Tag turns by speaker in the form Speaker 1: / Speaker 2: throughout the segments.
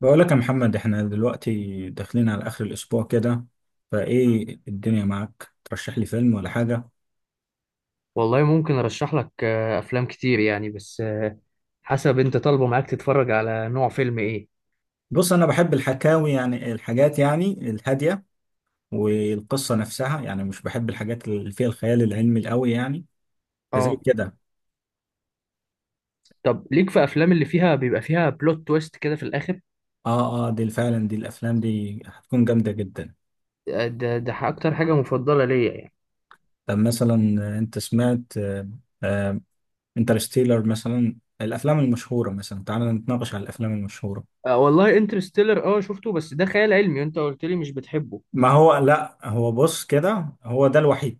Speaker 1: بقولك يا محمد، احنا دلوقتي داخلين على اخر الاسبوع كده، فايه الدنيا معاك؟ ترشح لي فيلم ولا حاجة؟
Speaker 2: والله ممكن ارشح لك افلام كتير يعني، بس حسب انت طالبه معاك تتفرج على نوع فيلم ايه؟
Speaker 1: بص، انا بحب الحكاوي، يعني الحاجات يعني الهادية والقصة نفسها. يعني مش بحب الحاجات اللي فيها الخيال العلمي القوي يعني، فزي
Speaker 2: اه،
Speaker 1: كده.
Speaker 2: طب ليك في افلام اللي فيها بيبقى فيها بلوت تويست كده في الاخر.
Speaker 1: اه، اه، دي فعلا، دي الافلام دي هتكون جامدة جدا.
Speaker 2: ده اكتر حاجه مفضله ليا يعني.
Speaker 1: طب مثلا، انت سمعت آه، انترستيلر مثلا، الافلام المشهورة. مثلا تعالى نتناقش على الافلام المشهورة.
Speaker 2: والله انترستيلر اه شفته، بس ده خيال علمي وانت قلت لي مش بتحبه.
Speaker 1: ما هو لا، هو بص كده، هو ده الوحيد.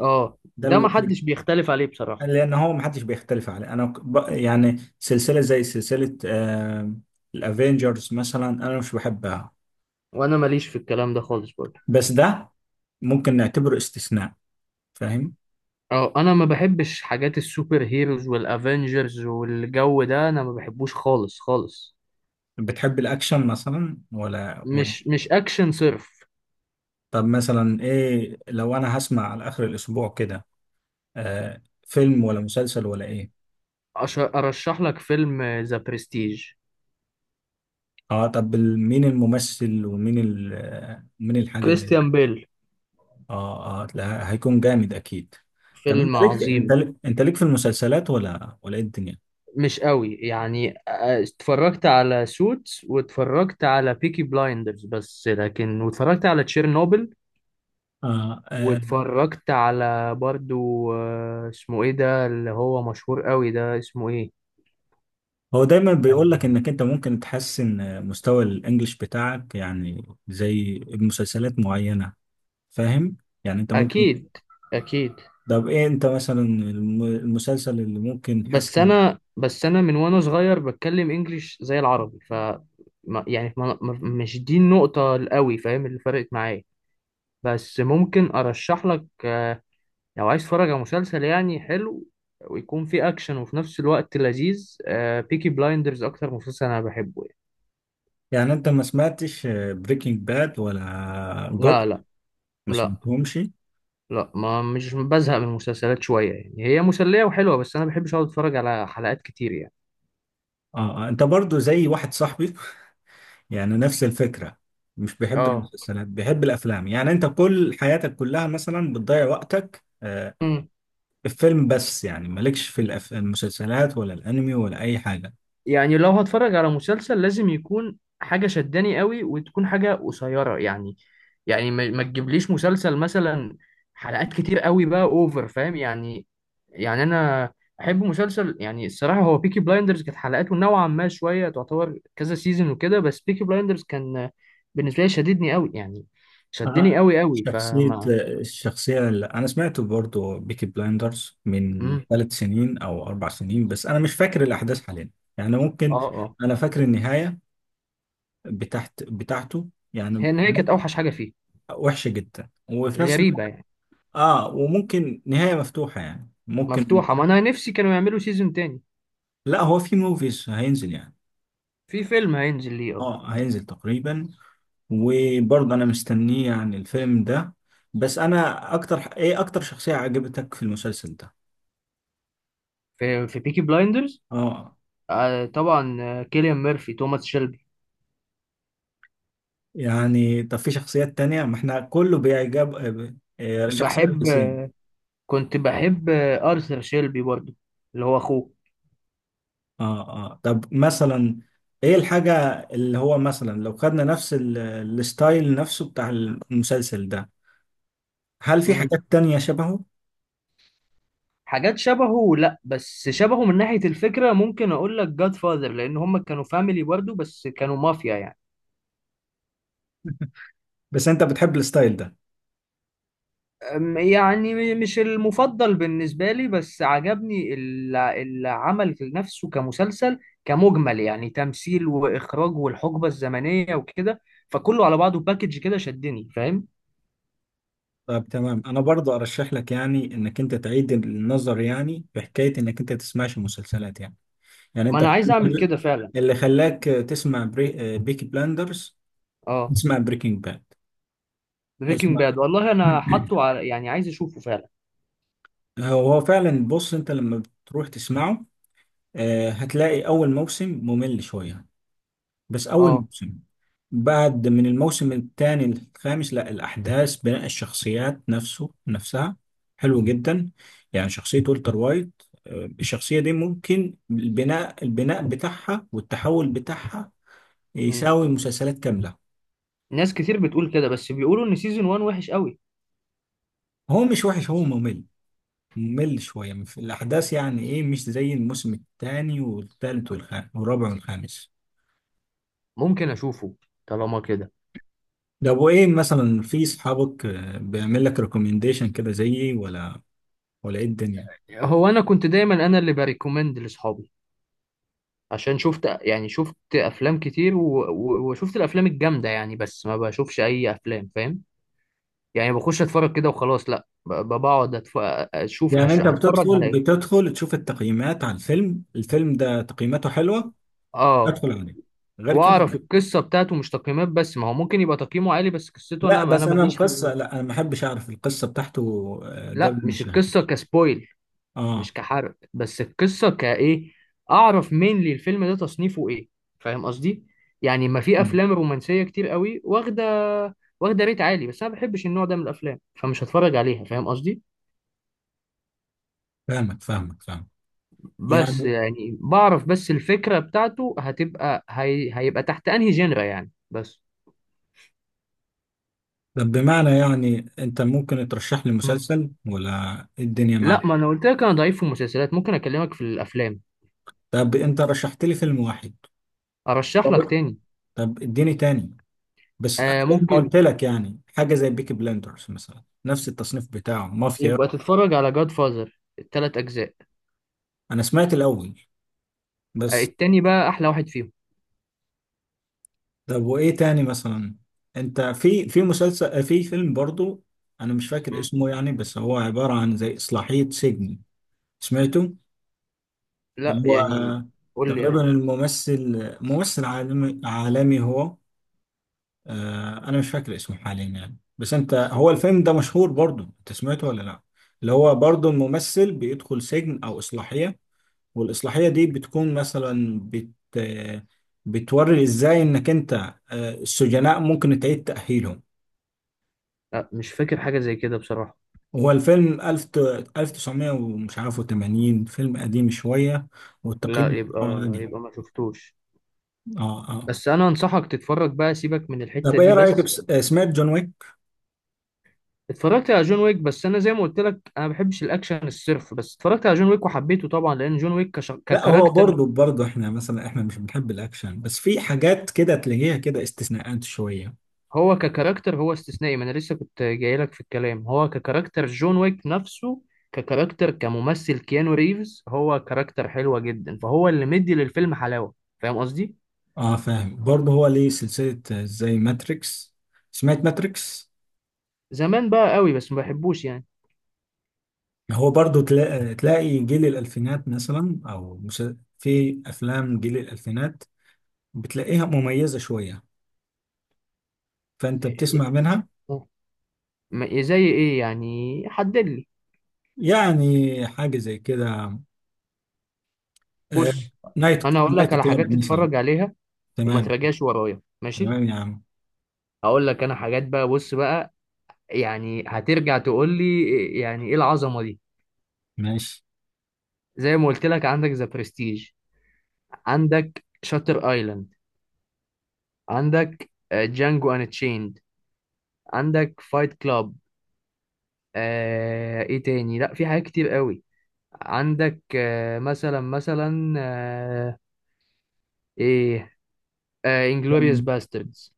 Speaker 2: اه،
Speaker 1: ده
Speaker 2: ده ما
Speaker 1: الوحيد.
Speaker 2: حدش بيختلف عليه بصراحه.
Speaker 1: لان هو ما حدش بيختلف عليه. انا يعني سلسله زي سلسله الافينجرز مثلا، انا مش بحبها.
Speaker 2: وانا ماليش في الكلام ده خالص برضه.
Speaker 1: بس ده ممكن نعتبره استثناء، فاهم؟
Speaker 2: اه، انا ما بحبش حاجات السوبر هيروز والافنجرز والجو ده، انا ما بحبوش خالص خالص.
Speaker 1: بتحب الاكشن مثلا ولا؟
Speaker 2: مش اكشن صرف.
Speaker 1: طب مثلا ايه، لو انا هسمع على اخر الاسبوع كده، آه فيلم ولا مسلسل ولا ايه؟
Speaker 2: أرشح لك فيلم ذا برستيج.
Speaker 1: اه طب، مين الممثل، ومين مين الحاجه؟
Speaker 2: كريستيان بيل.
Speaker 1: اه، اه، لا هيكون جامد اكيد. طب انت
Speaker 2: فيلم
Speaker 1: ليك انت
Speaker 2: عظيم.
Speaker 1: ليك انت ليك في المسلسلات ولا ايه الدنيا؟
Speaker 2: مش قوي يعني. اتفرجت على سوتس، واتفرجت على بيكي بلايندرز بس لكن، واتفرجت على تشيرنوبل،
Speaker 1: آه، آه.
Speaker 2: واتفرجت على برضو اسمه ايه ده اللي هو مشهور قوي، ده اسمه ايه؟
Speaker 1: هو دايما بيقول لك انك انت ممكن تحسن مستوى الانجليش بتاعك، يعني زي بمسلسلات معينة، فاهم؟ يعني انت ممكن.
Speaker 2: اكيد، اكيد.
Speaker 1: طب ايه انت مثلا، المسلسل اللي ممكن
Speaker 2: بس
Speaker 1: تحسن؟
Speaker 2: انا بس انا من وانا صغير بتكلم انجليش زي العربي، ف يعني مش دي النقطة القوي فاهم اللي فرقت معايا. بس ممكن ارشح لك لو عايز تتفرج على مسلسل يعني حلو، ويكون فيه اكشن وفي نفس الوقت لذيذ، بيكي بلايندرز اكتر مسلسل انا بحبه يعني.
Speaker 1: يعني انت ما سمعتش بريكنج باد ولا جود؟
Speaker 2: لا، لا،
Speaker 1: ما
Speaker 2: لا،
Speaker 1: سمعتهمش؟
Speaker 2: لا، ما مش بزهق من المسلسلات شوية، يعني هي مسلية وحلوة، بس انا بحبش اقعد اتفرج على حلقات كتير يعني.
Speaker 1: اه. انت برضو زي واحد صاحبي، يعني نفس الفكرة. مش بيحب
Speaker 2: اه.
Speaker 1: المسلسلات، بيحب الأفلام. يعني أنت كل حياتك كلها مثلا بتضيع وقتك في الفيلم بس، يعني مالكش في المسلسلات ولا الأنمي ولا أي حاجة؟
Speaker 2: يعني لو هتفرج على مسلسل لازم يكون حاجة شداني قوي، وتكون حاجة قصيرة يعني. يعني ما تجيبليش مسلسل، مثلا حلقات كتير قوي، بقى اوفر فاهم يعني. يعني انا احب مسلسل، يعني الصراحة، هو بيكي بلايندرز كانت حلقاته نوعا ما شوية، تعتبر كذا سيزون وكده، بس بيكي بلايندرز كان بالنسبة لي شددني قوي يعني، شدني
Speaker 1: أنا
Speaker 2: قوي قوي
Speaker 1: شخصية
Speaker 2: فما.
Speaker 1: الشخصية اللي أنا سمعته برضو بيكي بلايندرز من
Speaker 2: مم.
Speaker 1: 3 سنين أو 4 سنين، بس أنا مش فاكر الأحداث حاليا، يعني ممكن.
Speaker 2: اه، اه.
Speaker 1: أنا فاكر النهاية بتاعته، يعني
Speaker 2: هي النهاية كانت اوحش حاجة فيه.
Speaker 1: وحشة جدا، وفي نفس
Speaker 2: غريبة
Speaker 1: الوقت
Speaker 2: يعني.
Speaker 1: وممكن نهاية مفتوحة، يعني ممكن.
Speaker 2: مفتوحة، ما انا نفسي كانوا يعملوا سيزون تاني.
Speaker 1: لا هو في موفيز هينزل يعني،
Speaker 2: في فيلم هينزل ليه اه.
Speaker 1: اه هينزل تقريبا. وبرضه انا مستنيه يعني الفيلم ده. بس انا، اكتر شخصية عجبتك في المسلسل ده؟
Speaker 2: في بيكي بلايندرز.
Speaker 1: اه.
Speaker 2: آه طبعا، كيليان ميرفي، توماس شيلبي.
Speaker 1: يعني طب في شخصيات تانية؟ ما احنا كله بيعجب، شخصية
Speaker 2: بحب
Speaker 1: بتسين.
Speaker 2: كنت بحب ارثر شيلبي برضو، اللي هو اخوه.
Speaker 1: اه، اه. طب مثلا ايه الحاجة اللي هو مثلا، لو خدنا نفس الستايل نفسه بتاع المسلسل ده، هل في
Speaker 2: مم.
Speaker 1: حاجات تانية شبهه؟
Speaker 2: حاجات شبهه لا، بس شبهه من ناحية الفكرة ممكن اقول لك جاد فاذر، لان هم كانوا فاميلي برضو بس كانوا مافيا يعني.
Speaker 1: بس انت بتحب الستايل ده.
Speaker 2: يعني مش المفضل بالنسبة لي، بس عجبني العمل نفسه كمسلسل، كمجمل يعني، تمثيل وإخراج والحقبة الزمنية وكده، فكله على بعضه باكج كده شدني فاهم.
Speaker 1: طب تمام، انا برضو ارشح لك يعني انك انت تعيد النظر، يعني في حكايه انك انت تسمعش مسلسلات يعني
Speaker 2: ما
Speaker 1: انت،
Speaker 2: أنا عايز أعمل كده فعلا.
Speaker 1: اللي خلاك تسمع بيكي بلاندرز،
Speaker 2: اه،
Speaker 1: تسمع بريكنج باد.
Speaker 2: بريكنج
Speaker 1: اسمع.
Speaker 2: باد والله أنا حاطه على، يعني عايز أشوفه فعلا.
Speaker 1: هو فعلا، بص، انت لما بتروح تسمعه هتلاقي اول موسم ممل شويه، بس اول
Speaker 2: اه.
Speaker 1: موسم. بعد من الموسم الثاني للخامس، لا الأحداث، بناء الشخصيات نفسها حلو جدا. يعني شخصية والتر وايت، الشخصية دي ممكن البناء بتاعها والتحول بتاعها
Speaker 2: مم.
Speaker 1: يساوي مسلسلات كاملة.
Speaker 2: ناس كتير بتقول كده، بس بيقولوا إن سيزون 1 وحش قوي.
Speaker 1: هو مش وحش، هو ممل شوية في الأحداث، يعني إيه مش زي الموسم الثاني والثالث والخامس والرابع والخامس.
Speaker 2: ممكن أشوفه طالما كده.
Speaker 1: ده أبو إيه، مثلا في صحابك بيعمل لك ريكومنديشن كده زيي، ولا إيه الدنيا؟
Speaker 2: هو أنا كنت دايما أنا اللي بريكومند لأصحابي، عشان شفت، يعني شفت افلام كتير و... و... وشفت الافلام الجامده يعني، بس ما بشوفش اي افلام فاهم. يعني بخش اتفرج كده وخلاص، لا، بقعد اشوف
Speaker 1: يعني انت
Speaker 2: هتفرج
Speaker 1: بتدخل
Speaker 2: على ايه.
Speaker 1: بتدخل تشوف التقييمات على الفيلم ده، تقييماته حلوة
Speaker 2: اه،
Speaker 1: ادخل عليه، غير كده
Speaker 2: واعرف
Speaker 1: لا؟
Speaker 2: القصه بتاعته، مش تقييمات بس، ما هو ممكن يبقى تقييمه عالي بس قصته،
Speaker 1: لا،
Speaker 2: انا
Speaker 1: بس انا
Speaker 2: ماليش في
Speaker 1: القصة، لا انا ما احبش اعرف القصة بتاعته قبل
Speaker 2: لا،
Speaker 1: ما
Speaker 2: مش
Speaker 1: اشاهده.
Speaker 2: القصه كسبويل،
Speaker 1: اه،
Speaker 2: مش كحرق، بس القصه كايه، اعرف مين لي الفيلم ده تصنيفه ايه، فاهم قصدي؟ يعني ما في
Speaker 1: مم.
Speaker 2: افلام رومانسيه كتير قوي، واخده ريت عالي، بس انا ما بحبش النوع ده من الافلام، فمش هتفرج عليها فاهم قصدي.
Speaker 1: فاهمك، فاهمك، فاهمك.
Speaker 2: بس
Speaker 1: يعني
Speaker 2: يعني بعرف بس الفكره بتاعته هتبقى هيبقى تحت انهي جنرا يعني بس.
Speaker 1: طب بمعنى، يعني انت ممكن ترشح لي
Speaker 2: مم.
Speaker 1: مسلسل ولا إيه الدنيا
Speaker 2: لا،
Speaker 1: معك؟
Speaker 2: ما انا قلت لك، انا ضعيف في المسلسلات، ممكن اكلمك في الافلام.
Speaker 1: طب انت رشحت لي فيلم واحد.
Speaker 2: ارشح لك
Speaker 1: طب
Speaker 2: تاني.
Speaker 1: طب اديني تاني، بس زي ما
Speaker 2: ممكن
Speaker 1: قلت لك، يعني حاجة زي بيكي بلندرز مثلا نفس التصنيف بتاعه مافيا.
Speaker 2: يبقى تتفرج على جاد فازر الثلاث اجزاء.
Speaker 1: انا سمعت الاول، بس.
Speaker 2: التاني بقى احلى واحد فيهم.
Speaker 1: طب وايه تاني مثلا؟ انت، في مسلسل، في فيلم برضو انا مش فاكر اسمه يعني، بس هو عبارة عن زي اصلاحية سجن، سمعته؟
Speaker 2: لا
Speaker 1: اللي هو
Speaker 2: يعني، قول لي
Speaker 1: تقريبا الممثل، ممثل عالمي عالمي هو. انا مش فاكر اسمه حاليا يعني، بس انت، هو
Speaker 2: اوكي.
Speaker 1: الفيلم ده مشهور برضو، انت سمعته ولا لا؟ اللي هو برضو الممثل بيدخل سجن او اصلاحية، والاصلاحية دي بتكون مثلا، بت آه، بتوري ازاي انك انت، السجناء ممكن تعيد تأهيلهم.
Speaker 2: لا، مش فاكر حاجة زي كده بصراحة.
Speaker 1: هو الفيلم ألف تسعمية ومش عارف وتمانين، فيلم قديم شوية، والتقييم
Speaker 2: لا،
Speaker 1: بتاعه
Speaker 2: يبقى
Speaker 1: عالي.
Speaker 2: يبقى ما شفتوش.
Speaker 1: اه، اه.
Speaker 2: بس انا انصحك تتفرج بقى، سيبك من الحتة
Speaker 1: طب ايه
Speaker 2: دي
Speaker 1: رأيك،
Speaker 2: بس.
Speaker 1: بس... آه، سمعت جون ويك؟
Speaker 2: اتفرجت على جون ويك، بس انا زي ما قلت لك انا ما بحبش الاكشن الصرف، بس اتفرجت على جون ويك وحبيته طبعا لان جون ويك
Speaker 1: لا، هو
Speaker 2: ككاركتر.
Speaker 1: برضه احنا مثلا، احنا مش بنحب الأكشن، بس في حاجات كده تلاقيها كده استثناءات شوية.
Speaker 2: هو ككاركتر هو استثنائي، ما انا لسه كنت جاي لك في الكلام، هو ككاركتر جون ويك نفسه، ككاركتر كممثل كيانو ريفز، هو كاركتر حلوة جدا فهو اللي مدي للفيلم حلاوة، فاهم قصدي؟
Speaker 1: اه فاهم. برضه هو ليه سلسلة زي ماتريكس. سمعت ماتريكس؟
Speaker 2: زمان بقى قوي بس ما بحبوش يعني.
Speaker 1: هو برضه تلاقي جيل الألفينات مثلا، في أفلام جيل الألفينات بتلاقيها مميزة شوية، فأنت بتسمع منها.
Speaker 2: زي ايه يعني، حدد لي.
Speaker 1: يعني حاجة زي كده، آه،
Speaker 2: بص،
Speaker 1: نايت
Speaker 2: انا هقول لك
Speaker 1: نايت
Speaker 2: على
Speaker 1: كلاب
Speaker 2: حاجات
Speaker 1: مثلا.
Speaker 2: تتفرج عليها، وما
Speaker 1: تمام.
Speaker 2: تراجعش ورايا ماشي.
Speaker 1: تمام يا عم.
Speaker 2: هقول لك انا حاجات بقى، بص بقى، يعني هترجع تقول لي يعني ايه العظمه دي.
Speaker 1: ماشي.
Speaker 2: زي ما قلت لك، عندك ذا برستيج، عندك شاتر ايلاند، عندك جانجو ان تشيند، عندك فايت كلاب، آه ايه تاني، لا في حاجات كتير قوي. عندك آه مثلا مثلا آه ايه آه انجلوريوس باستردز.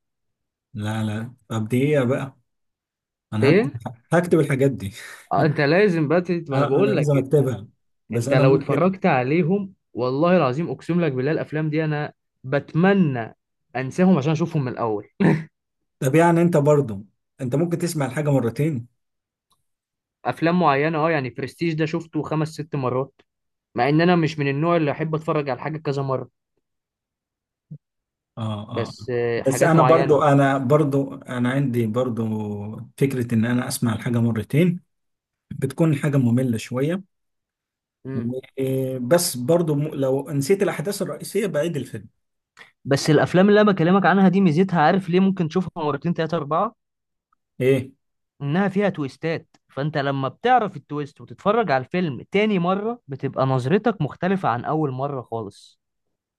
Speaker 1: لا، لا. طب دي ايه بقى؟ انا هكتب
Speaker 2: ايه،
Speaker 1: هكتب الحاجات دي.
Speaker 2: انت لازم بقى ما انا
Speaker 1: انا
Speaker 2: بقول لك
Speaker 1: لازم
Speaker 2: انت،
Speaker 1: اكتبها، بس
Speaker 2: انت
Speaker 1: انا
Speaker 2: لو
Speaker 1: ممكن.
Speaker 2: اتفرجت عليهم والله العظيم اقسم لك بالله الافلام دي انا بتمنى انساهم عشان اشوفهم من الاول.
Speaker 1: طب يعني، انت برضو ممكن تسمع الحاجة مرتين.
Speaker 2: افلام معينه اه، يعني برستيج ده شفته 5 6 مرات، مع ان انا مش من النوع اللي احب اتفرج على حاجه كذا مره،
Speaker 1: اه، اه، آه.
Speaker 2: بس
Speaker 1: بس
Speaker 2: حاجات
Speaker 1: انا
Speaker 2: معينه.
Speaker 1: برضو انا برضو انا عندي برضو فكرة ان انا اسمع الحاجة مرتين، بتكون الحاجة مملة شوية،
Speaker 2: مم.
Speaker 1: و- بس برضو لو نسيت الاحداث الرئيسية بعيد الفيلم.
Speaker 2: بس الافلام اللي انا بكلمك عنها دي ميزتها، عارف ليه ممكن تشوفها مرتين 3 4،
Speaker 1: ايه،
Speaker 2: انها فيها تويستات، فانت لما بتعرف التويست وتتفرج على الفيلم تاني مره بتبقى نظرتك مختلفه عن اول مره خالص،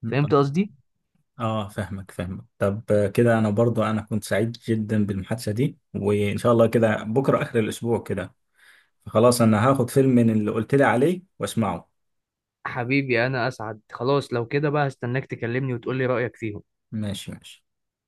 Speaker 2: فهمت
Speaker 1: طب-
Speaker 2: قصدي؟
Speaker 1: اه فاهمك، فاهمك. طب كده، انا كنت سعيد جدا بالمحادثة دي، وان شاء الله كده بكرة اخر الاسبوع كده. خلاص، انا هاخد فيلم من اللي قلت لي عليه واسمعه.
Speaker 2: حبيبي انا اسعد، خلاص لو كده بقى هستناك تكلمني وتقولي رأيك فيهم.
Speaker 1: ماشي، ماشي.